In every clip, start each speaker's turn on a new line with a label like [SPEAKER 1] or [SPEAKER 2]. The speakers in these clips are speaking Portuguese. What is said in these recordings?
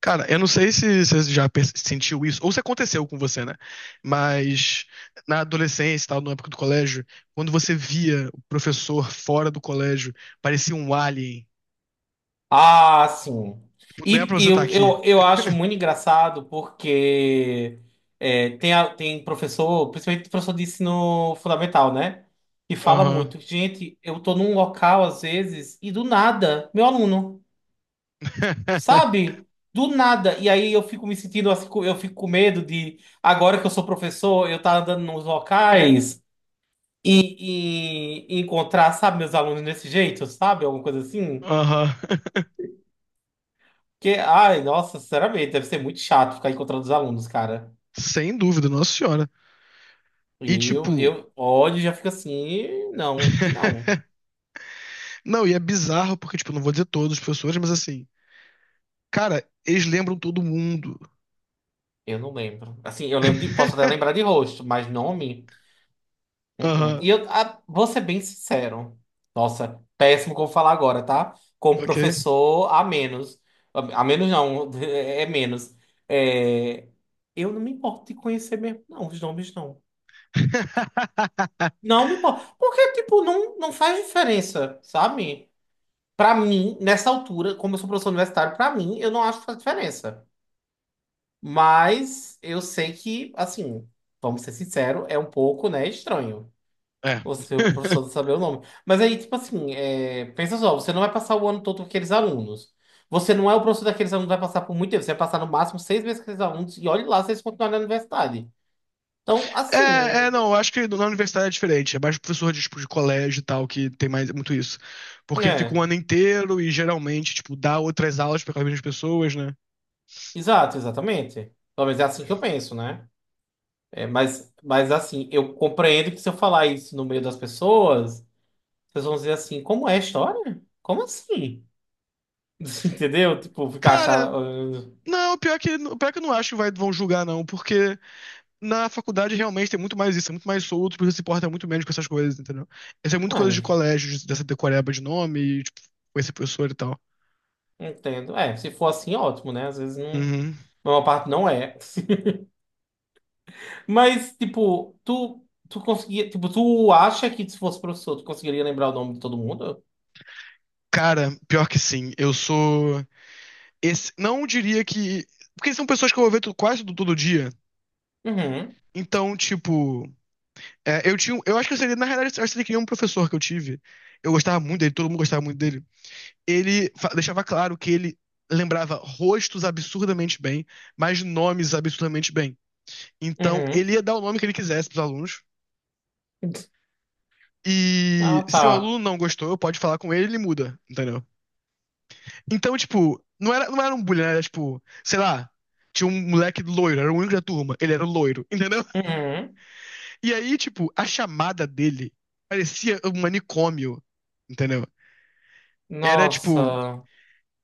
[SPEAKER 1] Cara, eu não sei se você já sentiu isso, ou se aconteceu com você, né? Mas na adolescência, e tal, na época do colégio, quando você via o professor fora do colégio, parecia um alien.
[SPEAKER 2] Ah, sim.
[SPEAKER 1] Tipo, não é pra
[SPEAKER 2] E,
[SPEAKER 1] você
[SPEAKER 2] e
[SPEAKER 1] estar
[SPEAKER 2] eu,
[SPEAKER 1] aqui.
[SPEAKER 2] eu, eu acho muito engraçado porque tem professor, principalmente professor de ensino fundamental, né? Que fala
[SPEAKER 1] Aham.
[SPEAKER 2] muito. Gente, eu tô num local às vezes e do nada, meu aluno, sabe? Do nada. E aí eu fico me sentindo assim, eu fico com medo de, agora que eu sou professor, eu tá andando nos locais e encontrar, sabe, meus alunos desse jeito, sabe? Alguma coisa assim.
[SPEAKER 1] Aham.
[SPEAKER 2] Porque, ai, nossa, sinceramente, deve ser muito chato ficar encontrando os alunos, cara.
[SPEAKER 1] Sem dúvida, nossa senhora. E
[SPEAKER 2] Eu,
[SPEAKER 1] tipo,
[SPEAKER 2] eu olho e já fico assim, não, que não.
[SPEAKER 1] não, e é bizarro porque, tipo, eu não vou dizer todos os professores, mas assim, cara, eles lembram todo mundo.
[SPEAKER 2] Eu não lembro. Assim, eu lembro de, posso até lembrar de rosto, mas nome. Uh-uh.
[SPEAKER 1] Aham,
[SPEAKER 2] E eu vou ser bem sincero. Nossa, péssimo como falar agora, tá? Como
[SPEAKER 1] ok.
[SPEAKER 2] professor, a menos. A menos não, é menos. É, eu não me importo de conhecer mesmo, não, os nomes não. Não me importo. Porque, tipo, não faz diferença, sabe? Pra mim, nessa altura, como eu sou professor universitário, pra mim, eu não acho que faz diferença. Mas eu sei que, assim, vamos ser sinceros, é um pouco, né, estranho
[SPEAKER 1] É.
[SPEAKER 2] você, o professor, não saber o nome. Mas aí, tipo assim, é, pensa só, você não vai passar o ano todo com aqueles alunos. Você não é o professor daqueles alunos que vai passar por muito tempo. Você vai passar no máximo seis meses com aqueles alunos e olhe lá se eles continuarem na universidade. Então, assim,
[SPEAKER 1] Não, eu acho que na universidade é diferente. É mais professor de, tipo, de colégio e tal, que tem mais muito isso. Porque fica um
[SPEAKER 2] é.
[SPEAKER 1] ano inteiro e geralmente, tipo, dá outras aulas para as mesmas pessoas, né?
[SPEAKER 2] Exato, exatamente. Pelo menos é assim que eu penso, né? É, mas assim, eu compreendo que se eu falar isso no meio das pessoas, as pessoas vão dizer assim, como é a história? Como assim? Entendeu? Tipo, ficar
[SPEAKER 1] Cara,
[SPEAKER 2] achando.
[SPEAKER 1] não, pior que eu não acho que vai, vão julgar, não, porque na faculdade realmente tem muito mais isso, é muito mais solto, você se importa muito menos com essas coisas, entendeu? Essa é muito
[SPEAKER 2] Ah,
[SPEAKER 1] coisa de
[SPEAKER 2] não
[SPEAKER 1] colégio, dessa decoreba de nome, e, tipo, com esse professor e tal.
[SPEAKER 2] entendo. É, se for assim, ótimo, né? Às vezes não.
[SPEAKER 1] Uhum.
[SPEAKER 2] Uma parte não é. Mas, tipo, tu, tu conseguia. Tipo, tu acha que se fosse professor, tu conseguiria lembrar o nome de todo mundo?
[SPEAKER 1] Cara, pior que sim, eu sou. Esse, não diria que. Porque são pessoas que eu vou ver quase todo dia.
[SPEAKER 2] Uhum.
[SPEAKER 1] Então, tipo, é, eu acho que eu seria, na realidade, eu acho que ele queria um professor que eu tive. Eu gostava muito dele, todo mundo gostava muito dele. Ele deixava claro que ele lembrava rostos absurdamente bem, mas nomes absurdamente bem. Então,
[SPEAKER 2] Uhum.
[SPEAKER 1] ele ia dar o nome que ele quisesse pros alunos. E
[SPEAKER 2] Ah,
[SPEAKER 1] se o aluno
[SPEAKER 2] tá.
[SPEAKER 1] não gostou, pode falar com ele, ele muda, entendeu? Então, tipo, não era um bullying, né? Era tipo, sei lá, tinha um moleque loiro, era o único da turma, ele era loiro, entendeu?
[SPEAKER 2] Uhum.
[SPEAKER 1] E aí, tipo, a chamada dele parecia um manicômio, entendeu? Era tipo.
[SPEAKER 2] Nossa.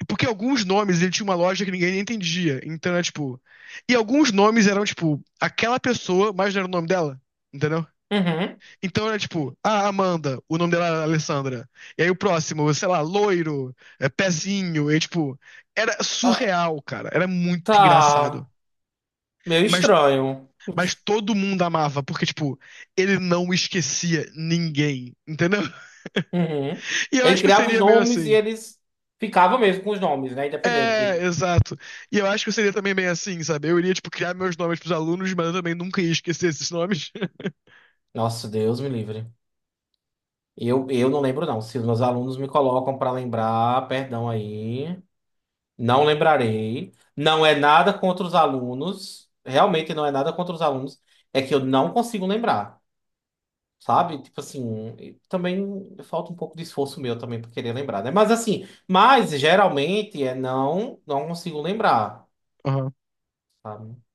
[SPEAKER 1] Porque alguns nomes ele tinha uma lógica que ninguém entendia. Então era tipo. E alguns nomes eram, tipo, aquela pessoa, mas não era o nome dela. Entendeu?
[SPEAKER 2] Uhum.
[SPEAKER 1] Então era tipo, ah, Amanda, o nome dela era Alessandra. E aí o próximo, sei lá, loiro, é, pezinho. E tipo, era
[SPEAKER 2] Ah,
[SPEAKER 1] surreal, cara. Era muito
[SPEAKER 2] tá.
[SPEAKER 1] engraçado.
[SPEAKER 2] Meio
[SPEAKER 1] Mas,
[SPEAKER 2] estranho.
[SPEAKER 1] mas todo mundo amava, porque, tipo, ele não esquecia ninguém. Entendeu?
[SPEAKER 2] Uhum.
[SPEAKER 1] E eu
[SPEAKER 2] Ele
[SPEAKER 1] acho que eu
[SPEAKER 2] criava os
[SPEAKER 1] seria meio
[SPEAKER 2] nomes e
[SPEAKER 1] assim.
[SPEAKER 2] eles ficavam mesmo com os nomes, né?
[SPEAKER 1] É,
[SPEAKER 2] Independente.
[SPEAKER 1] exato. E eu acho que eu seria também meio assim, sabe? Eu iria, tipo, criar meus nomes pros alunos, mas eu também nunca ia esquecer esses nomes.
[SPEAKER 2] Nossa, Deus me livre. Eu não lembro, não. Se os meus alunos me colocam para lembrar, perdão aí. Não lembrarei. Não é nada contra os alunos. Realmente não é nada contra os alunos. É que eu não consigo lembrar, sabe? Tipo assim, e também falta um pouco de esforço meu também para querer lembrar, né? Mas assim, mas geralmente é não consigo lembrar,
[SPEAKER 1] Aham.
[SPEAKER 2] sabe?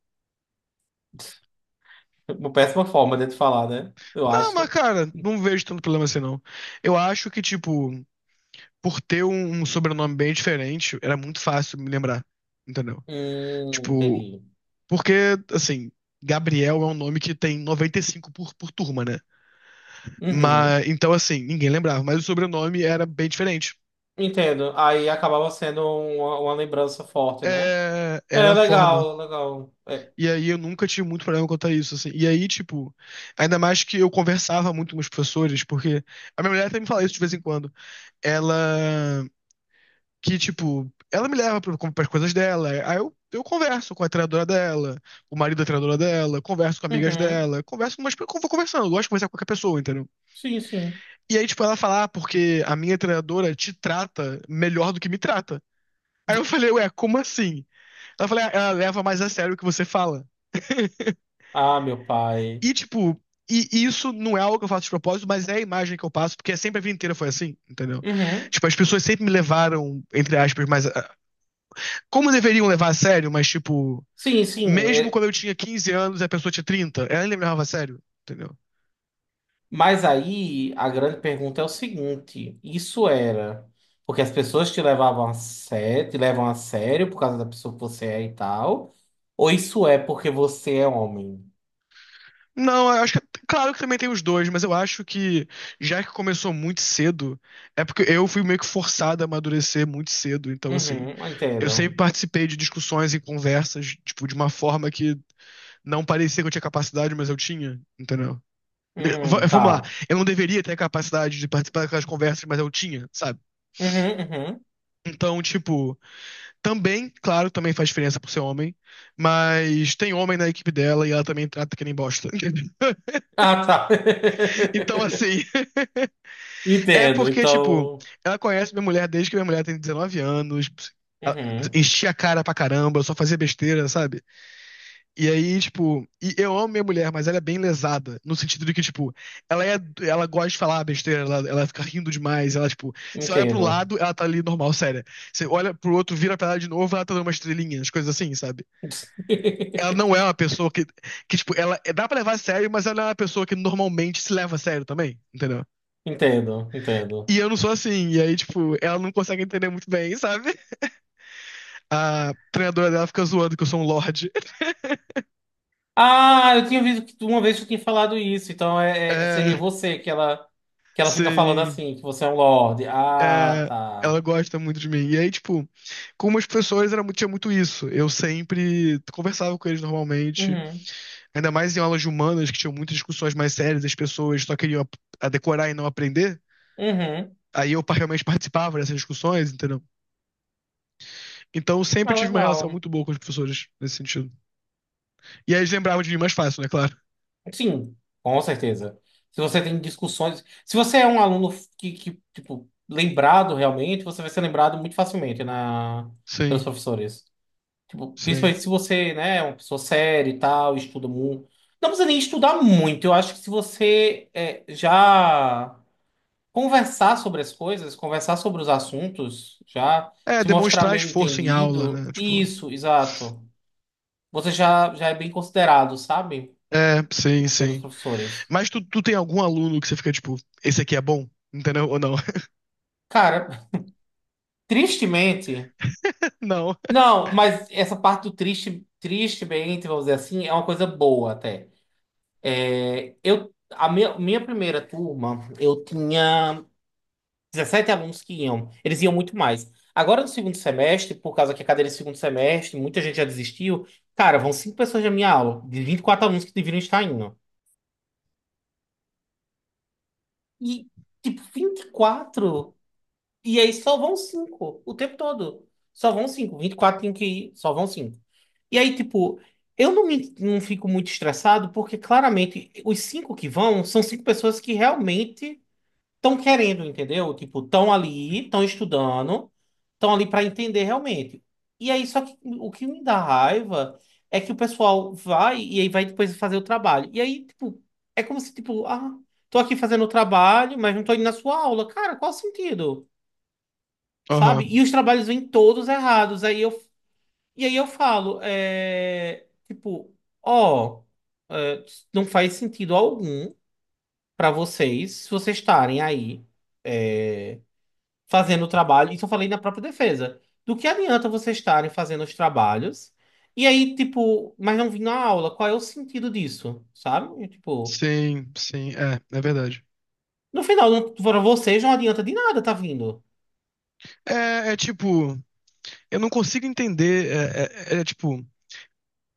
[SPEAKER 2] Uma péssima forma de te falar, né? Eu
[SPEAKER 1] Não, mas,
[SPEAKER 2] acho.
[SPEAKER 1] cara, não vejo tanto problema assim, não. Eu acho que, tipo, por ter um sobrenome bem diferente, era muito fácil me lembrar, entendeu? Tipo,
[SPEAKER 2] Entendi.
[SPEAKER 1] porque, assim, Gabriel é um nome que tem 95 por turma, né?
[SPEAKER 2] Uhum.
[SPEAKER 1] Mas, então, assim, ninguém lembrava, mas o sobrenome era bem diferente.
[SPEAKER 2] Entendo. Aí acabava sendo uma lembrança forte, né?
[SPEAKER 1] É,
[SPEAKER 2] É,
[SPEAKER 1] era a forma.
[SPEAKER 2] legal, legal. É.
[SPEAKER 1] E aí eu nunca tive muito problema quanto a isso, assim. E aí, tipo, ainda mais que eu conversava muito com os professores, porque a minha mulher até me fala isso de vez em quando. Ela, que, tipo, ela me leva para as coisas dela. Aí eu converso com a treinadora dela, o marido da treinadora dela, converso com amigas
[SPEAKER 2] Uhum.
[SPEAKER 1] dela, converso com umas, eu vou conversando, eu gosto de conversar com qualquer pessoa, entendeu?
[SPEAKER 2] Sim, sim.
[SPEAKER 1] E aí, tipo, ela fala, ah, porque a minha treinadora te trata melhor do que me trata. Aí eu falei, ué, como assim? Ela falou, "Ah, ela leva mais a sério o que você fala.
[SPEAKER 2] Ah, meu pai.
[SPEAKER 1] E, tipo, e isso não é algo que eu faço de propósito, mas é a imagem que eu passo, porque sempre a vida inteira foi assim, entendeu?
[SPEAKER 2] Uhum.
[SPEAKER 1] Tipo, as pessoas sempre me levaram, entre aspas, mas, ah, como deveriam levar a sério, mas, tipo,
[SPEAKER 2] Sim, sim.
[SPEAKER 1] mesmo
[SPEAKER 2] É,
[SPEAKER 1] quando eu tinha 15 anos e a pessoa tinha 30 ela ainda me levava a sério, entendeu?
[SPEAKER 2] mas aí a grande pergunta é o seguinte: isso era porque as pessoas te levavam a sério, te levam a sério por causa da pessoa que você é e tal? Ou isso é porque você é homem?
[SPEAKER 1] Não, eu acho que. Claro que também tem os dois, mas eu acho que, já que começou muito cedo, é porque eu fui meio que forçado a amadurecer muito cedo, então, assim.
[SPEAKER 2] Uhum,
[SPEAKER 1] Eu sempre
[SPEAKER 2] entendo.
[SPEAKER 1] participei de discussões e conversas, tipo, de uma forma que não parecia que eu tinha capacidade, mas eu tinha, entendeu? V- Vamos lá,
[SPEAKER 2] Tá.
[SPEAKER 1] eu não deveria ter a capacidade de participar daquelas conversas, mas eu tinha, sabe?
[SPEAKER 2] Uhum, uhum.
[SPEAKER 1] Então, tipo, também, claro, também faz diferença por ser homem, mas tem homem na equipe dela e ela também trata que nem bosta.
[SPEAKER 2] Ah, tá.
[SPEAKER 1] Então, assim, é
[SPEAKER 2] Entendo,
[SPEAKER 1] porque, tipo,
[SPEAKER 2] então.
[SPEAKER 1] ela conhece minha mulher desde que minha mulher tem 19 anos, ela
[SPEAKER 2] Uhum,
[SPEAKER 1] enchia a cara pra caramba, só fazia besteira, sabe? E aí, tipo, e eu amo minha mulher, mas ela é bem lesada, no sentido de que, tipo, ela é, ela gosta de falar besteira, ela fica rindo demais, ela, tipo, você olha pro
[SPEAKER 2] entendo.
[SPEAKER 1] lado, ela tá ali normal, séria. Você olha pro outro, vira pra ela de novo, ela tá dando uma estrelinha, as coisas assim, sabe? Ela não é uma pessoa que tipo, ela é, dá pra levar a sério, mas ela é uma pessoa que normalmente se leva a sério também, entendeu?
[SPEAKER 2] Entendo, entendo.
[SPEAKER 1] E eu não sou assim, e aí, tipo, ela não consegue entender muito bem, sabe? A treinadora dela fica zoando que eu sou um lorde.
[SPEAKER 2] Ah, eu tinha visto que uma vez tu tinha falado isso, então seria
[SPEAKER 1] É,
[SPEAKER 2] você que ela fica falando
[SPEAKER 1] sim.
[SPEAKER 2] assim, que você é um lorde. Ah,
[SPEAKER 1] É,
[SPEAKER 2] tá.
[SPEAKER 1] ela gosta muito de mim. E aí, tipo, com umas pessoas era, tinha muito isso. Eu sempre conversava com eles normalmente,
[SPEAKER 2] Uhum,
[SPEAKER 1] ainda mais em aulas de humanas, que tinham muitas discussões mais sérias, as pessoas só queriam a decorar e não aprender.
[SPEAKER 2] uhum.
[SPEAKER 1] Aí eu realmente participava dessas discussões, entendeu? Então eu sempre
[SPEAKER 2] Ah,
[SPEAKER 1] tive uma relação
[SPEAKER 2] legal.
[SPEAKER 1] muito boa com os professores nesse sentido. E aí eles lembravam de mim mais fácil, né? Claro.
[SPEAKER 2] Sim, com certeza. Se você tem discussões, se você é um aluno tipo, lembrado realmente, você vai ser lembrado muito facilmente na, pelos
[SPEAKER 1] Sim,
[SPEAKER 2] professores. Tipo,
[SPEAKER 1] sim.
[SPEAKER 2] principalmente se você, né, é uma pessoa séria e tal, estuda muito. Não precisa nem estudar muito. Eu acho que se você é, já conversar sobre as coisas, conversar sobre os assuntos, já
[SPEAKER 1] É,
[SPEAKER 2] se mostrar
[SPEAKER 1] demonstrar
[SPEAKER 2] meio
[SPEAKER 1] esforço em aula,
[SPEAKER 2] entendido,
[SPEAKER 1] né? Tipo.
[SPEAKER 2] isso, exato. Você já, já é bem considerado, sabe?
[SPEAKER 1] É, sim,
[SPEAKER 2] Tipo, pelos
[SPEAKER 1] sim.
[SPEAKER 2] professores.
[SPEAKER 1] Mas tu tem algum aluno que você fica, tipo, esse aqui é bom? Entendeu? Ou não?
[SPEAKER 2] Cara, tristemente,
[SPEAKER 1] Não.
[SPEAKER 2] não, mas essa parte do tristemente, vamos dizer assim, é uma coisa boa até. É, eu, minha primeira turma, eu tinha 17 alunos que iam, eles iam muito mais. Agora no segundo semestre, por causa que a cadeira é segundo semestre, muita gente já desistiu. Cara, vão cinco pessoas da minha aula, de 24 alunos que deveriam estar indo. E, tipo, 24 e aí só vão cinco o tempo todo. Só vão cinco. 24 tem que ir, só vão cinco. E aí, tipo, eu não, me, não fico muito estressado, porque claramente os cinco que vão são cinco pessoas que realmente estão querendo, entendeu? Tipo, estão ali, estão estudando, estão ali para entender realmente. E aí, só que o que me dá raiva é que o pessoal vai e aí vai depois fazer o trabalho. E aí, tipo, é como se, tipo, ah, tô aqui fazendo o trabalho, mas não tô indo na sua aula. Cara, qual o sentido?
[SPEAKER 1] Aham.
[SPEAKER 2] Sabe? E os trabalhos vêm todos errados. Aí eu, e aí eu falo, é, tipo, ó, é, não faz sentido algum para vocês, se vocês estarem aí fazendo o trabalho, isso eu falei na própria defesa, do que adianta vocês estarem fazendo os trabalhos e aí, tipo, mas não vir na aula, qual é o sentido disso, sabe? E, tipo,
[SPEAKER 1] Sim, sim, é, é verdade.
[SPEAKER 2] no final, para vocês não adianta de nada tá vindo.
[SPEAKER 1] É tipo, eu não consigo entender, é tipo,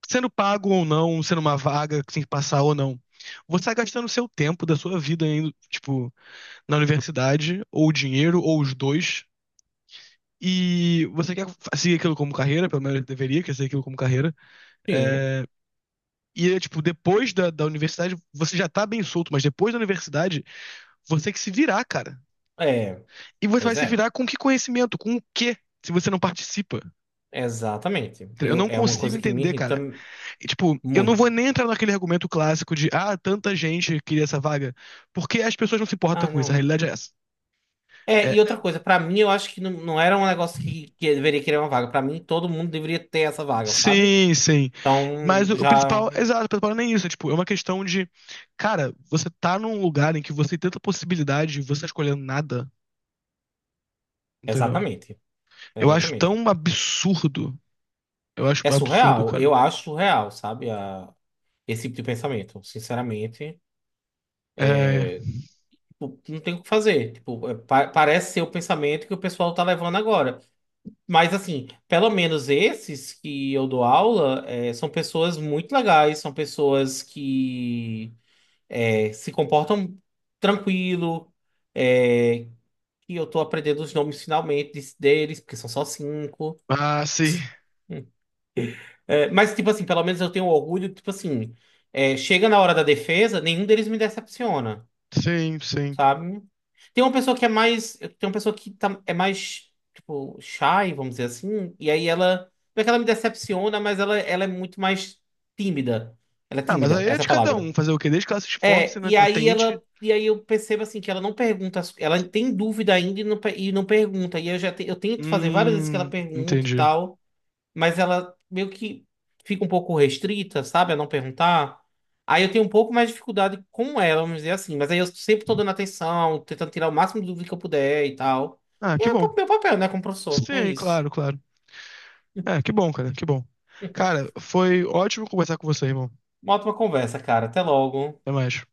[SPEAKER 1] sendo pago ou não, sendo uma vaga que tem que passar ou não. Você tá gastando seu tempo da sua vida indo, tipo, na universidade, ou dinheiro, ou os dois, e você quer seguir aquilo como carreira, pelo menos deveria querer seguir aquilo como carreira.
[SPEAKER 2] Sim,
[SPEAKER 1] É, e é tipo, depois da universidade, você já tá bem solto, mas depois da universidade, você tem que se virar, cara.
[SPEAKER 2] é,
[SPEAKER 1] E você
[SPEAKER 2] pois
[SPEAKER 1] vai se
[SPEAKER 2] é,
[SPEAKER 1] virar com que conhecimento? Com o quê? Se você não participa.
[SPEAKER 2] exatamente.
[SPEAKER 1] Eu
[SPEAKER 2] Eu,
[SPEAKER 1] não
[SPEAKER 2] é uma
[SPEAKER 1] consigo
[SPEAKER 2] coisa que me
[SPEAKER 1] entender,
[SPEAKER 2] irrita
[SPEAKER 1] cara. E, tipo, eu não
[SPEAKER 2] muito.
[SPEAKER 1] vou nem entrar naquele argumento clássico de ah, tanta gente queria essa vaga, porque as pessoas não se importam
[SPEAKER 2] Ah,
[SPEAKER 1] com isso. A
[SPEAKER 2] não.
[SPEAKER 1] realidade é essa.
[SPEAKER 2] É, e
[SPEAKER 1] É,
[SPEAKER 2] outra coisa, pra mim eu acho que não, não era um negócio que eu deveria querer uma vaga. Pra mim todo mundo deveria ter essa vaga, sabe?
[SPEAKER 1] sim, sim. Mas
[SPEAKER 2] Então,
[SPEAKER 1] o
[SPEAKER 2] já.
[SPEAKER 1] principal, exato, o principal não é nem isso. É, tipo, é uma questão de, cara, você tá num lugar em que você tem tanta possibilidade e você tá escolhendo nada, entendeu?
[SPEAKER 2] Exatamente.
[SPEAKER 1] Eu acho
[SPEAKER 2] Exatamente.
[SPEAKER 1] tão absurdo. Eu acho
[SPEAKER 2] É
[SPEAKER 1] absurdo,
[SPEAKER 2] surreal.
[SPEAKER 1] cara.
[SPEAKER 2] Eu acho surreal, sabe? A- Esse tipo de pensamento. Sinceramente,
[SPEAKER 1] É.
[SPEAKER 2] tipo, não tem o que fazer. Tipo, é, parece ser o pensamento que o pessoal tá levando agora. Mas, assim, pelo menos esses que eu dou aula, é, são pessoas muito legais, são pessoas que é, se comportam tranquilo, é, que eu tô aprendendo os nomes finalmente deles, porque são só cinco.
[SPEAKER 1] Ah, sim.
[SPEAKER 2] É, mas, tipo assim, pelo menos eu tenho orgulho, tipo assim, é, chega na hora da defesa, nenhum deles me decepciona,
[SPEAKER 1] Sim, sim.
[SPEAKER 2] sabe? Tem uma pessoa que é mais, tem uma pessoa que é mais, tipo, shy, vamos dizer assim, e aí ela, não é que ela me decepciona, mas ela é muito mais tímida. Ela é
[SPEAKER 1] Ah, mas
[SPEAKER 2] tímida,
[SPEAKER 1] aí é
[SPEAKER 2] essa é
[SPEAKER 1] de
[SPEAKER 2] a
[SPEAKER 1] cada um
[SPEAKER 2] palavra.
[SPEAKER 1] fazer o quê? Desde que ela se esforce,
[SPEAKER 2] É,
[SPEAKER 1] né?
[SPEAKER 2] e
[SPEAKER 1] Ela
[SPEAKER 2] aí
[SPEAKER 1] tente.
[SPEAKER 2] ela. E aí eu percebo assim que ela não pergunta, ela tem dúvida ainda e e não pergunta. E eu já eu tento fazer várias vezes que ela pergunta e
[SPEAKER 1] Entendi.
[SPEAKER 2] tal, mas ela meio que fica um pouco restrita, sabe, a não perguntar. Aí eu tenho um pouco mais de dificuldade com ela, vamos dizer assim. Mas aí eu sempre tô dando atenção, tentando tirar o máximo de dúvida que eu puder e tal.
[SPEAKER 1] Ah,
[SPEAKER 2] E
[SPEAKER 1] que
[SPEAKER 2] é
[SPEAKER 1] bom.
[SPEAKER 2] o meu papel, né, como professor. É
[SPEAKER 1] Sim,
[SPEAKER 2] isso.
[SPEAKER 1] claro, claro. É, que bom. Cara, foi ótimo conversar com você, irmão.
[SPEAKER 2] Uma ótima conversa, cara. Até logo.
[SPEAKER 1] Até mais.